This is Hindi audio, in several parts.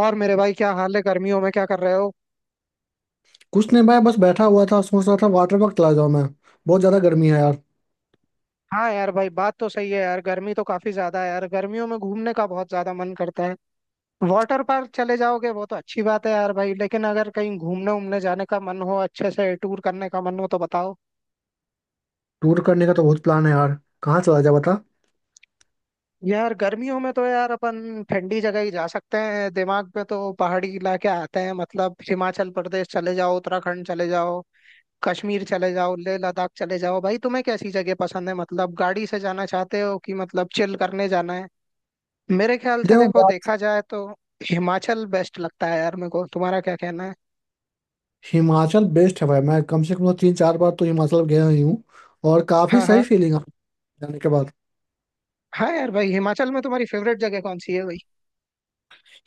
और मेरे भाई, क्या हाल है? गर्मियों में क्या कर रहे हो? कुछ नहीं भाई। बस बैठा हुआ था सोच रहा था वाटर पार्क चला जाऊं मैं। बहुत ज्यादा गर्मी है यार। हाँ यार भाई, बात तो सही है यार। गर्मी तो काफी ज्यादा है यार। गर्मियों में घूमने का बहुत ज्यादा मन करता है। वाटर पार्क चले जाओगे, वो तो अच्छी बात है यार भाई, लेकिन अगर कहीं घूमने उमने जाने का मन हो, अच्छे से टूर करने का मन हो तो बताओ। टूर करने का तो बहुत प्लान है यार। कहाँ चला जाए बता। यार गर्मियों में तो यार अपन ठंडी जगह ही जा सकते हैं। दिमाग में तो पहाड़ी इलाके आते हैं। मतलब हिमाचल प्रदेश चले जाओ, उत्तराखंड चले जाओ, कश्मीर चले जाओ, लेह लद्दाख चले जाओ। भाई तुम्हें कैसी जगह पसंद है? मतलब गाड़ी से जाना चाहते हो कि मतलब चिल करने जाना है? मेरे ख्याल से देखो देखो, गाइस, देखा जाए तो हिमाचल बेस्ट लगता है यार मेरे को। तुम्हारा क्या कहना है? हिमाचल बेस्ट है भाई। मैं कम से कम तो 3 4 बार तो हिमाचल गया ही हूँ और काफी हाँ सही हाँ। फीलिंग आती है जाने के बाद। हाँ यार भाई, हिमाचल में तुम्हारी फेवरेट जगह कौन सी है भाई?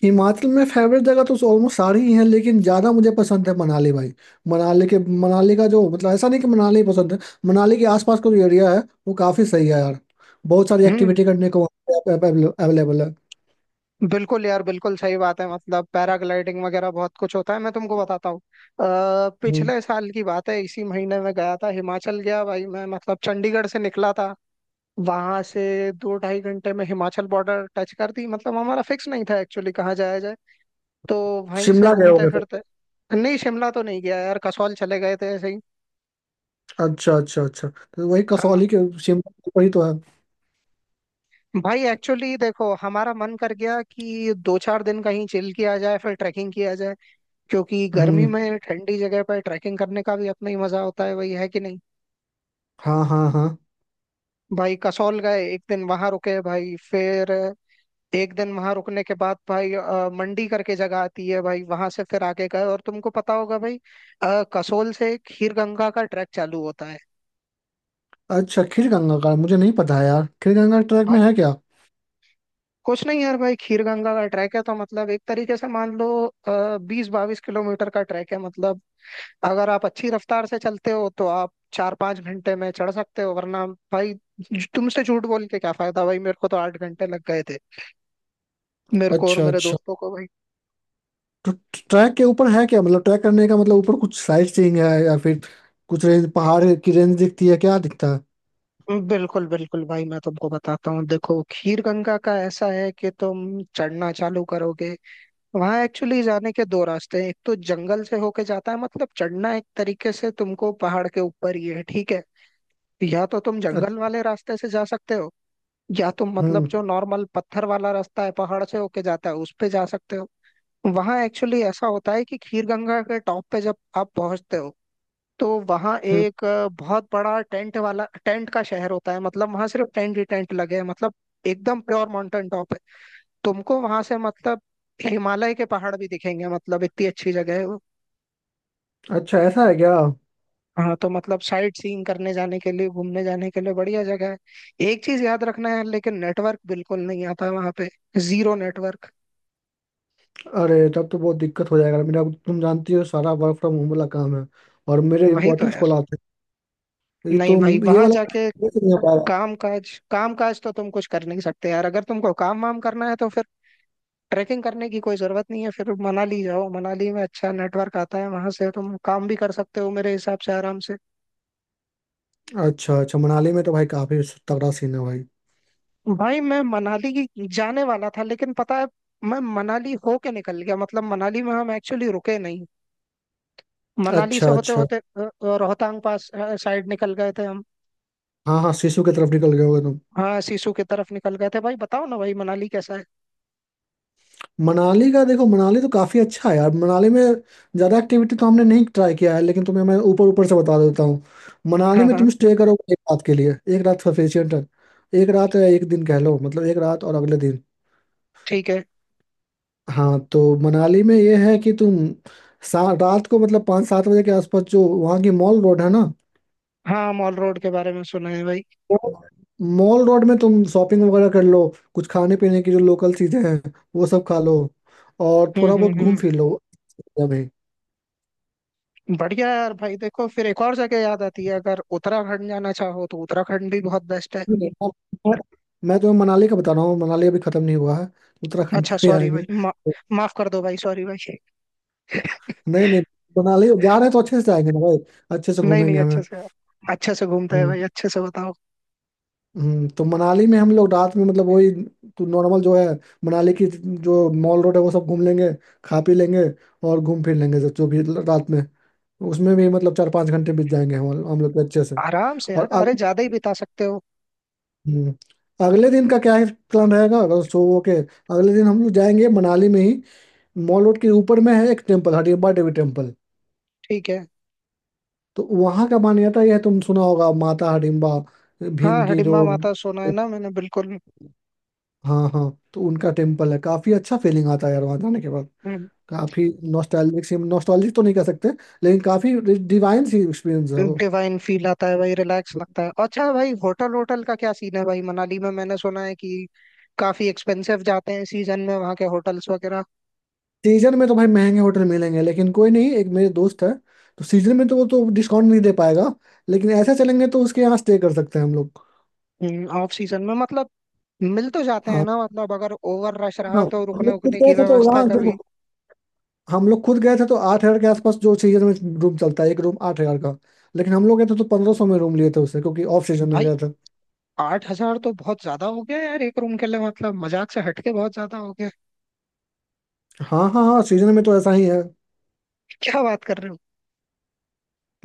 हिमाचल में फेवरेट जगह तो ऑलमोस्ट सारी ही है लेकिन ज्यादा मुझे पसंद है मनाली भाई। मनाली के मनाली का जो मतलब ऐसा नहीं कि मनाली ही पसंद है। मनाली के आसपास का जो एरिया है वो काफी सही है यार। बहुत सारी हम्म। एक्टिविटी करने को अवेलेबल है। बिल्कुल यार, बिल्कुल सही बात है। मतलब पैराग्लाइडिंग वगैरह बहुत कुछ होता है, मैं तुमको बताता हूँ। हम्म। पिछले साल की बात है, इसी महीने में गया था, हिमाचल गया भाई मैं। मतलब चंडीगढ़ से निकला था। वहां से दो ढाई घंटे में हिमाचल बॉर्डर टच कर दी। मतलब हमारा फिक्स नहीं था एक्चुअली कहाँ जाया जाए, तो वहीं से शिमला गए घूमते होगे। फिरते। नहीं, शिमला तो नहीं गया यार, कसौल चले गए थे ऐसे ही। अच्छा अच्छा अच्छा, तो वही हाँ। कसौली के शिमला के वही तो है। भाई एक्चुअली देखो, हमारा मन कर गया कि 2-4 दिन कहीं चिल किया जाए, फिर ट्रैकिंग किया जाए। क्योंकि गर्मी हम्म। में ठंडी जगह पर ट्रैकिंग करने का भी अपना ही मजा होता है, वही है कि नहीं? हाँ हाँ हाँ। भाई कसौल गए, एक दिन वहां रुके भाई। फिर एक दिन वहां रुकने के बाद भाई, मंडी करके जगह आती है भाई, वहां से फिर आगे गए। और तुमको पता होगा भाई, कसौल से खीर गंगा का ट्रैक चालू होता है। अच्छा, खीरगंगा का मुझे नहीं पता है यार, खीरगंगा ट्रैक भाई में है क्या? कुछ नहीं यार भाई, खीर गंगा का ट्रैक है तो मतलब एक तरीके से मान लो 20-22 किलोमीटर का ट्रैक है मतलब। अगर आप अच्छी रफ्तार से चलते हो तो आप 4-5 घंटे में चढ़ सकते हो, वरना भाई तुमसे झूठ बोल के क्या फायदा भाई, मेरे को तो 8 घंटे लग गए थे, मेरे को और अच्छा मेरे अच्छा। दोस्तों को भाई। तो ट्रैक के ऊपर है क्या? मतलब ट्रैक करने का मतलब ऊपर कुछ साइट सीइंग है या फिर कुछ रेंज, पहाड़ की रेंज दिखती है, क्या दिखता है? बिल्कुल बिल्कुल भाई, मैं तुमको बताता हूँ। देखो खीर गंगा का ऐसा है कि तुम चढ़ना चालू करोगे, वहां एक्चुअली जाने के दो रास्ते हैं। एक तो जंगल से होके जाता है, मतलब चढ़ना एक तरीके से तुमको पहाड़ के ऊपर ही है, ठीक है? या तो तुम जंगल अच्छा। वाले रास्ते से जा सकते हो, या तुम मतलब हम्म जो नॉर्मल पत्थर वाला रास्ता है पहाड़ से होके जाता है उस पे जा सकते हो। वहां एक्चुअली ऐसा होता है कि खीर गंगा के टॉप पे जब आप पहुंचते हो तो वहां हम्म। एक बहुत बड़ा टेंट वाला, टेंट का शहर होता है। मतलब वहां सिर्फ टेंट ही टेंट लगे हैं मतलब। एकदम प्योर माउंटेन टॉप है। तुमको वहां से मतलब हिमालय के पहाड़ भी दिखेंगे, मतलब इतनी अच्छी जगह है वो। अच्छा, ऐसा है क्या? हाँ, तो मतलब साइट सीइंग करने जाने के लिए, घूमने जाने के लिए बढ़िया जगह है। एक चीज याद रखना है लेकिन, नेटवर्क बिल्कुल नहीं आता वहां पे। Zero network. अरे तब तो बहुत दिक्कत हो जाएगा मेरा, तुम जानती हो सारा वर्क फ्रॉम होम वाला काम है। और मेरे वही तो इंपॉर्टेंस को यार। लाते हैं ये नहीं तो, भाई, ये वहां जाके वाला। काम काज तो तुम कुछ कर नहीं सकते यार। अगर तुमको काम वाम करना है तो फिर ट्रैकिंग करने की कोई जरूरत नहीं है, फिर मनाली जाओ। मनाली में अच्छा नेटवर्क आता है, वहां से तुम काम भी कर सकते हो मेरे हिसाब से आराम से। अच्छा अच्छा, मनाली में तो भाई काफी तगड़ा सीन है भाई। भाई मैं मनाली की जाने वाला था, लेकिन पता है, मैं मनाली होके निकल गया। मतलब मनाली में हम एक्चुअली रुके नहीं। मनाली अच्छा से होते अच्छा। होते रोहतांग पास साइड निकल गए थे हम। हाँ हाँ, सिसु की तरफ निकल गए होगे तुम। हाँ सिसु की तरफ निकल गए थे भाई। बताओ ना भाई, मनाली कैसा है? मनाली का देखो, मनाली तो काफी अच्छा है यार। मनाली में ज्यादा एक्टिविटी तो हमने नहीं ट्राई किया है लेकिन तुम्हें मैं ऊपर ऊपर से बता देता हूँ। मनाली हाँ में हाँ। तुम स्टे करोगे एक रात के लिए। एक रात सफिशियंट है। एक रात है, एक दिन कह लो, मतलब एक रात और अगले दिन। ठीक है। हाँ, तो मनाली में ये है कि तुम रात को मतलब पाँच सात बजे के आसपास जो वहाँ की मॉल रोड है ना। हाँ, मॉल रोड के बारे में सुना है भाई। मॉल रोड में तुम शॉपिंग वगैरह कर लो। कुछ खाने पीने की जो लोकल चीजें हैं वो सब खा लो और थोड़ा बहुत घूम हम्म। फिर लो अभी। बढ़िया है यार भाई। देखो फिर एक और जगह याद आती है, अगर उत्तराखंड जाना चाहो तो उत्तराखंड भी बहुत बेस्ट है। जी। और मैं मैं तुम्हें मनाली का बता रहा हूँ, मनाली अभी खत्म नहीं हुआ है, उत्तराखंड पे अच्छा भी सॉरी आएंगे। भाई, माफ कर दो भाई, सॉरी भाई। नहीं नहीं, मनाली जा रहे हैं तो अच्छे से जाएंगे ना भाई, अच्छे से नहीं नहीं, घूमेंगे हमें। अच्छे से आप, अच्छे से घूमते हैं हम्म। भाई, अच्छे से बताओ। तो मनाली में हम लोग रात में मतलब वही तो नॉर्मल जो है, मनाली की जो मॉल रोड है वो सब घूम लेंगे, खा पी लेंगे और घूम फिर लेंगे सब जो भी रात में। उसमें भी मतलब 4 5 घंटे बीत जाएंगे हम लोग के अच्छे से। आराम से और यार, अरे ज्यादा ही अगले बिता सकते हो। हम्म, अगले दिन का क्या है प्लान रहेगा? अगर सो ओके, अगले दिन हम लोग जाएंगे मनाली में ही। मॉल रोड के ऊपर में है एक टेम्पल, हडिम्बा देवी टेम्पल। ठीक है। तो वहाँ का मान्यता यह है, तुम सुना होगा माता हडिम्बा, हाँ, भीम की जो। हिडिंबा माता सोना है ना, मैंने बिल्कुल। हाँ हाँ। तो उनका टेम्पल है, काफी अच्छा फीलिंग आता है यार वहाँ जाने के बाद। काफी नॉस्टैल्जिक तो नहीं कह सकते लेकिन काफी डिवाइन सी एक्सपीरियंस है वो। डिवाइन फील आता है भाई, रिलैक्स लगता है। अच्छा भाई, होटल होटल का क्या सीन है भाई मनाली में? मैंने सुना है कि काफी एक्सपेंसिव जाते हैं सीजन में, वहाँ के होटल्स वगैरह। सीजन में तो भाई महंगे होटल मिलेंगे, लेकिन कोई नहीं, एक मेरे दोस्त है तो सीजन में तो वो तो डिस्काउंट नहीं दे पाएगा, लेकिन ऐसा चलेंगे तो उसके यहाँ स्टे कर सकते हैं हम लोग। ऑफ सीजन में मतलब मिल तो जाते हैं हाँ ना? मतलब अगर ओवर रश हाँ। रहा तो हम रुकने लोग खुद उकने की गए थे तो व्यवस्था वहाँ देखो, कभी। हम लोग खुद गए थे तो 8,000 के आसपास जो सीजन में रूम चलता है, एक रूम 8,000 का। लेकिन हम लोग गए थे तो 1,500 में रूम लिए थे उससे, क्योंकि ऑफ सीजन में भाई गए थे। 8 हजार तो बहुत ज्यादा हो गया यार एक रूम के लिए, मतलब मजाक से हटके बहुत ज्यादा हो गया। हाँ हाँ हाँ, सीजन में तो ऐसा ही है। क्या बात कर रहे हो?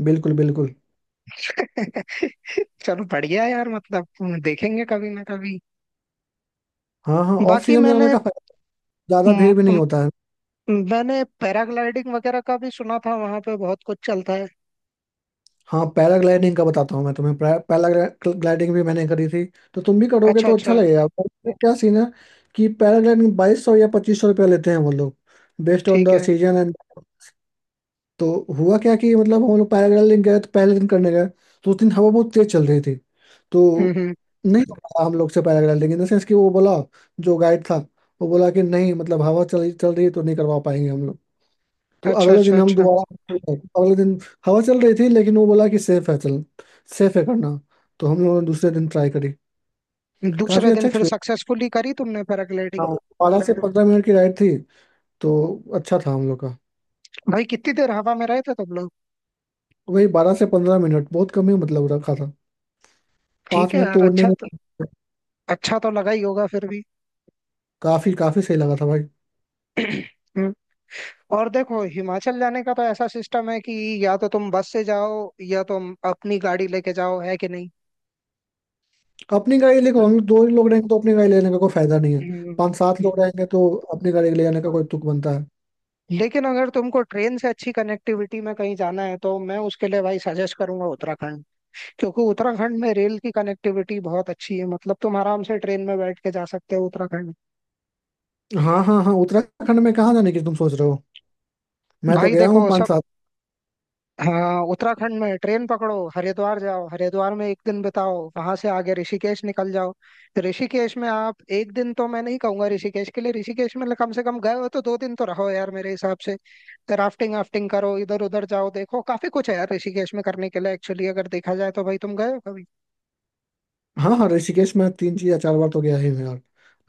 बिल्कुल बिल्कुल। चलो बढ़िया यार, मतलब देखेंगे कभी ना कभी। हाँ हाँ, ऑफ बाकी सीजन में जाने मैंने का फायदा, ज्यादा म, भीड़ भी नहीं म, होता है। मैंने पैराग्लाइडिंग वगैरह का भी सुना था, वहां पे बहुत कुछ चलता है। हाँ, पैराग्लाइडिंग का बताता हूँ मैं तुम्हें। पैराग्लाइडिंग भी मैंने करी थी, तो तुम भी करोगे अच्छा तो अच्छा अच्छा। लगेगा, पर इसमें क्या सीन है कि पैराग्लाइडिंग 2,200 या 2,500 रुपया लेते हैं वो लोग, बेस्ड ऑन ठीक द है। Season end. तो हुआ क्या कि मतलब हम लोग पैराग्लाइडिंग गए तो पहले दिन करने गए, तो उस दिन हवा बहुत तेज चल रही थी तो हम्म। नहीं हो पाया हम लोग से पैराग्लाइडिंग, इन द सेंस कि वो बोला, जो गाइड था, वो बोला कि नहीं, मतलब हवा चल चल रही है तो नहीं करवा पाएंगे हम लोग। तो अच्छा अगले अच्छा दिन हम अच्छा। दोबारा, अगले दिन हवा चल रही थी लेकिन वो बोला कि सेफ है, चल सेफ है करना। तो हम लोगों ने दूसरे दिन ट्राई करी। दूसरे काफी दिन अच्छा फिर एक्सपीरियंस। सक्सेसफुली करी तुमने हाँ, पैराग्लाइडिंग? 12 से 15 मिनट की राइड थी तो अच्छा था हम लोग का। भाई कितनी देर हवा में रहे थे तुम लोग? वही 12 से 15 मिनट, बहुत कम ही मतलब रखा था, ठीक पाँच है मिनट यार। तो उड़ने में। अच्छा तो लगा ही होगा फिर भी। काफी काफी सही लगा था भाई। हम्म। और देखो, हिमाचल जाने का तो ऐसा सिस्टम है कि या तो तुम बस से जाओ, या तुम अपनी गाड़ी लेके जाओ, है कि नहीं? अपनी गाड़ी देखो, हम लोग दो ही लोग रहेंगे तो अपनी गाड़ी लेने का कोई फायदा नहीं है। हम्म। पाँच सात लोग रहेंगे तो अपनी गाड़ी ले जाने का कोई तुक बनता है। लेकिन अगर तुमको ट्रेन से अच्छी कनेक्टिविटी में कहीं जाना है तो मैं उसके लिए भाई सजेस्ट करूंगा उत्तराखंड। क्योंकि उत्तराखंड में रेल की कनेक्टिविटी बहुत अच्छी है, मतलब तुम आराम से ट्रेन में बैठ के जा सकते हो उत्तराखंड। हाँ हाँ हाँ, उत्तराखंड में कहाँ जाने की तुम सोच रहे हो? मैं तो भाई गया हूँ देखो सब। पाँच। हाँ, उत्तराखंड में ट्रेन पकड़ो, हरिद्वार जाओ, हरिद्वार में एक दिन बिताओ, वहां से आगे ऋषिकेश निकल जाओ। ऋषिकेश में आप एक दिन तो मैं नहीं कहूंगा ऋषिकेश के लिए, ऋषिकेश में कम से कम गए हो तो 2 दिन तो रहो यार मेरे हिसाब से। राफ्टिंग वाफ्टिंग करो, इधर उधर जाओ, देखो काफी कुछ है यार ऋषिकेश में करने के लिए एक्चुअली, अगर देखा जाए तो। भाई तुम गए हो कभी? हाँ हाँ, ऋषिकेश में तीन चीज या चार बार तो गया ही हूँ यार।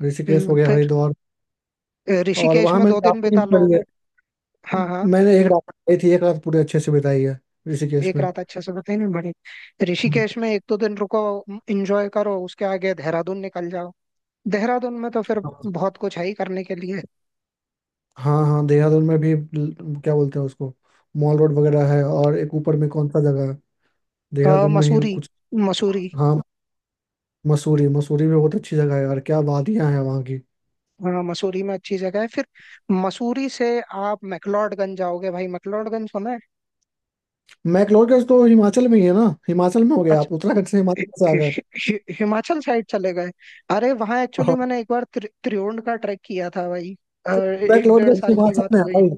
ऋषिकेश हो गया, फिर हरिद्वार, और ऋषिकेश वहां में मैंने 2 दिन राफ्टिंग बिता लो। करी है। हाँ हाँ। मैंने एक रात करी थी, एक रात पूरे अच्छे से बिताई है ऋषिकेश एक में। रात अच्छे से बताई नहीं बड़ी। ऋषिकेश में 1-2 दिन रुको, एंजॉय करो, उसके आगे देहरादून निकल जाओ। देहरादून में तो फिर बहुत कुछ है ही करने के लिए। हाँ हाँ, देहरादून में भी क्या बोलते हैं उसको, मॉल रोड वगैरह है, और एक ऊपर में कौन सा जगह है देहरादून में ही मसूरी। कुछ। मसूरी। हाँ, मसूरी। मसूरी भी बहुत अच्छी जगह है यार, क्या वादियां हैं वहाँ की। हाँ मसूरी में अच्छी जगह है। फिर मसूरी से आप मैक्लोडगंज जाओगे भाई। मैक्लोडगंज सुना है? मैक्लोडगंज तो हिमाचल में ही है ना, हिमाचल में हो गया, अच्छा। आप उत्तराखंड से हि- हिमाचल से आ गए। हि- हि- हिमाचल साइड चले गए। अरे वहाँ एक्चुअली हाँ, मैंने एक बार त्रिउंड का ट्रैक किया था भाई। एक डेढ़ मैक्लोडगंज साल की हिमाचल बात में हो है गई। भाई,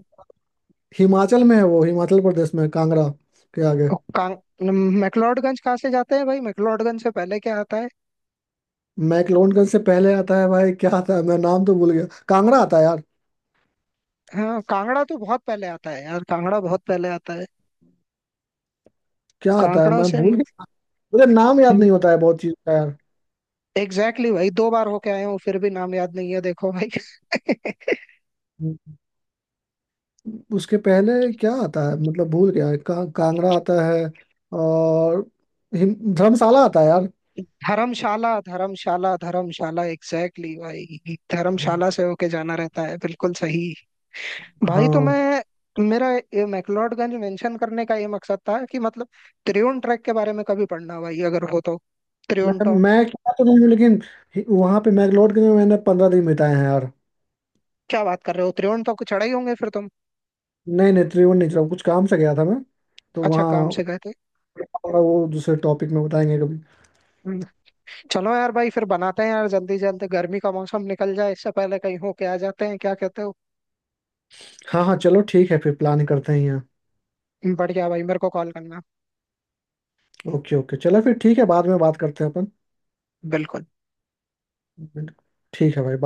हिमाचल में है वो, हिमाचल प्रदेश में कांगड़ा के आगे। और कां- मैक्लोडगंज कहाँ से जाते हैं भाई? मैक्लोडगंज से पहले क्या आता है? मैक्लोडगंज से पहले आता है भाई, क्या आता है, मैं नाम तो भूल गया, कांगड़ा आता है यार। हाँ कांगड़ा तो बहुत पहले आता है यार, कांगड़ा बहुत पहले आता है। क्या आता है कांगड़ा मैं से भूल मत- गया, मुझे नाम याद हम्म। नहीं होता है बहुत चीज का यार। एग्जैक्टली exactly भाई, 2 बार होके आया हूँ फिर भी नाम याद नहीं है, देखो भाई। उसके पहले क्या आता है मतलब, भूल गया कांगड़ा आता है, और धर्मशाला आता है यार। धर्मशाला धर्मशाला धर्मशाला, एग्जैक्टली exactly भाई, धर्मशाला से होके जाना रहता है बिल्कुल सही। भाई तो हाँ। मैं मेरा ये मैक्लोडगंज मेंशन करने का ये मकसद था कि मतलब त्रिउंड ट्रैक के बारे में कभी पढ़ना भाई अगर हो तो। मैं त्रिउंड टॉप, मैं क्या तो नहीं हूँ लेकिन वहाँ पे मैक्लोडगंज में मैंने 15 दिन बिताए हैं यार। क्या बात कर रहे हो? त्रिउंड टॉप को चढ़ा ही होंगे फिर तुम। नहीं नहीं, त्रिवेणी नहीं चला, कुछ काम से गया था मैं तो अच्छा काम वहाँ। से गए थे। और वो दूसरे टॉपिक में बताएंगे कभी। हम्म, चलो यार भाई, फिर बनाते हैं यार जल्दी जल्दी। गर्मी का मौसम निकल जाए इससे पहले कहीं होके आ जाते हैं, क्या कहते हो? हाँ हाँ चलो ठीक है, फिर प्लान करते हैं यहाँ। बढ़िया भाई, मेरे को कॉल करना। ओके ओके चलो फिर ठीक है, बाद में बात करते हैं अपन। बिल्कुल। ठीक है भाई बाय।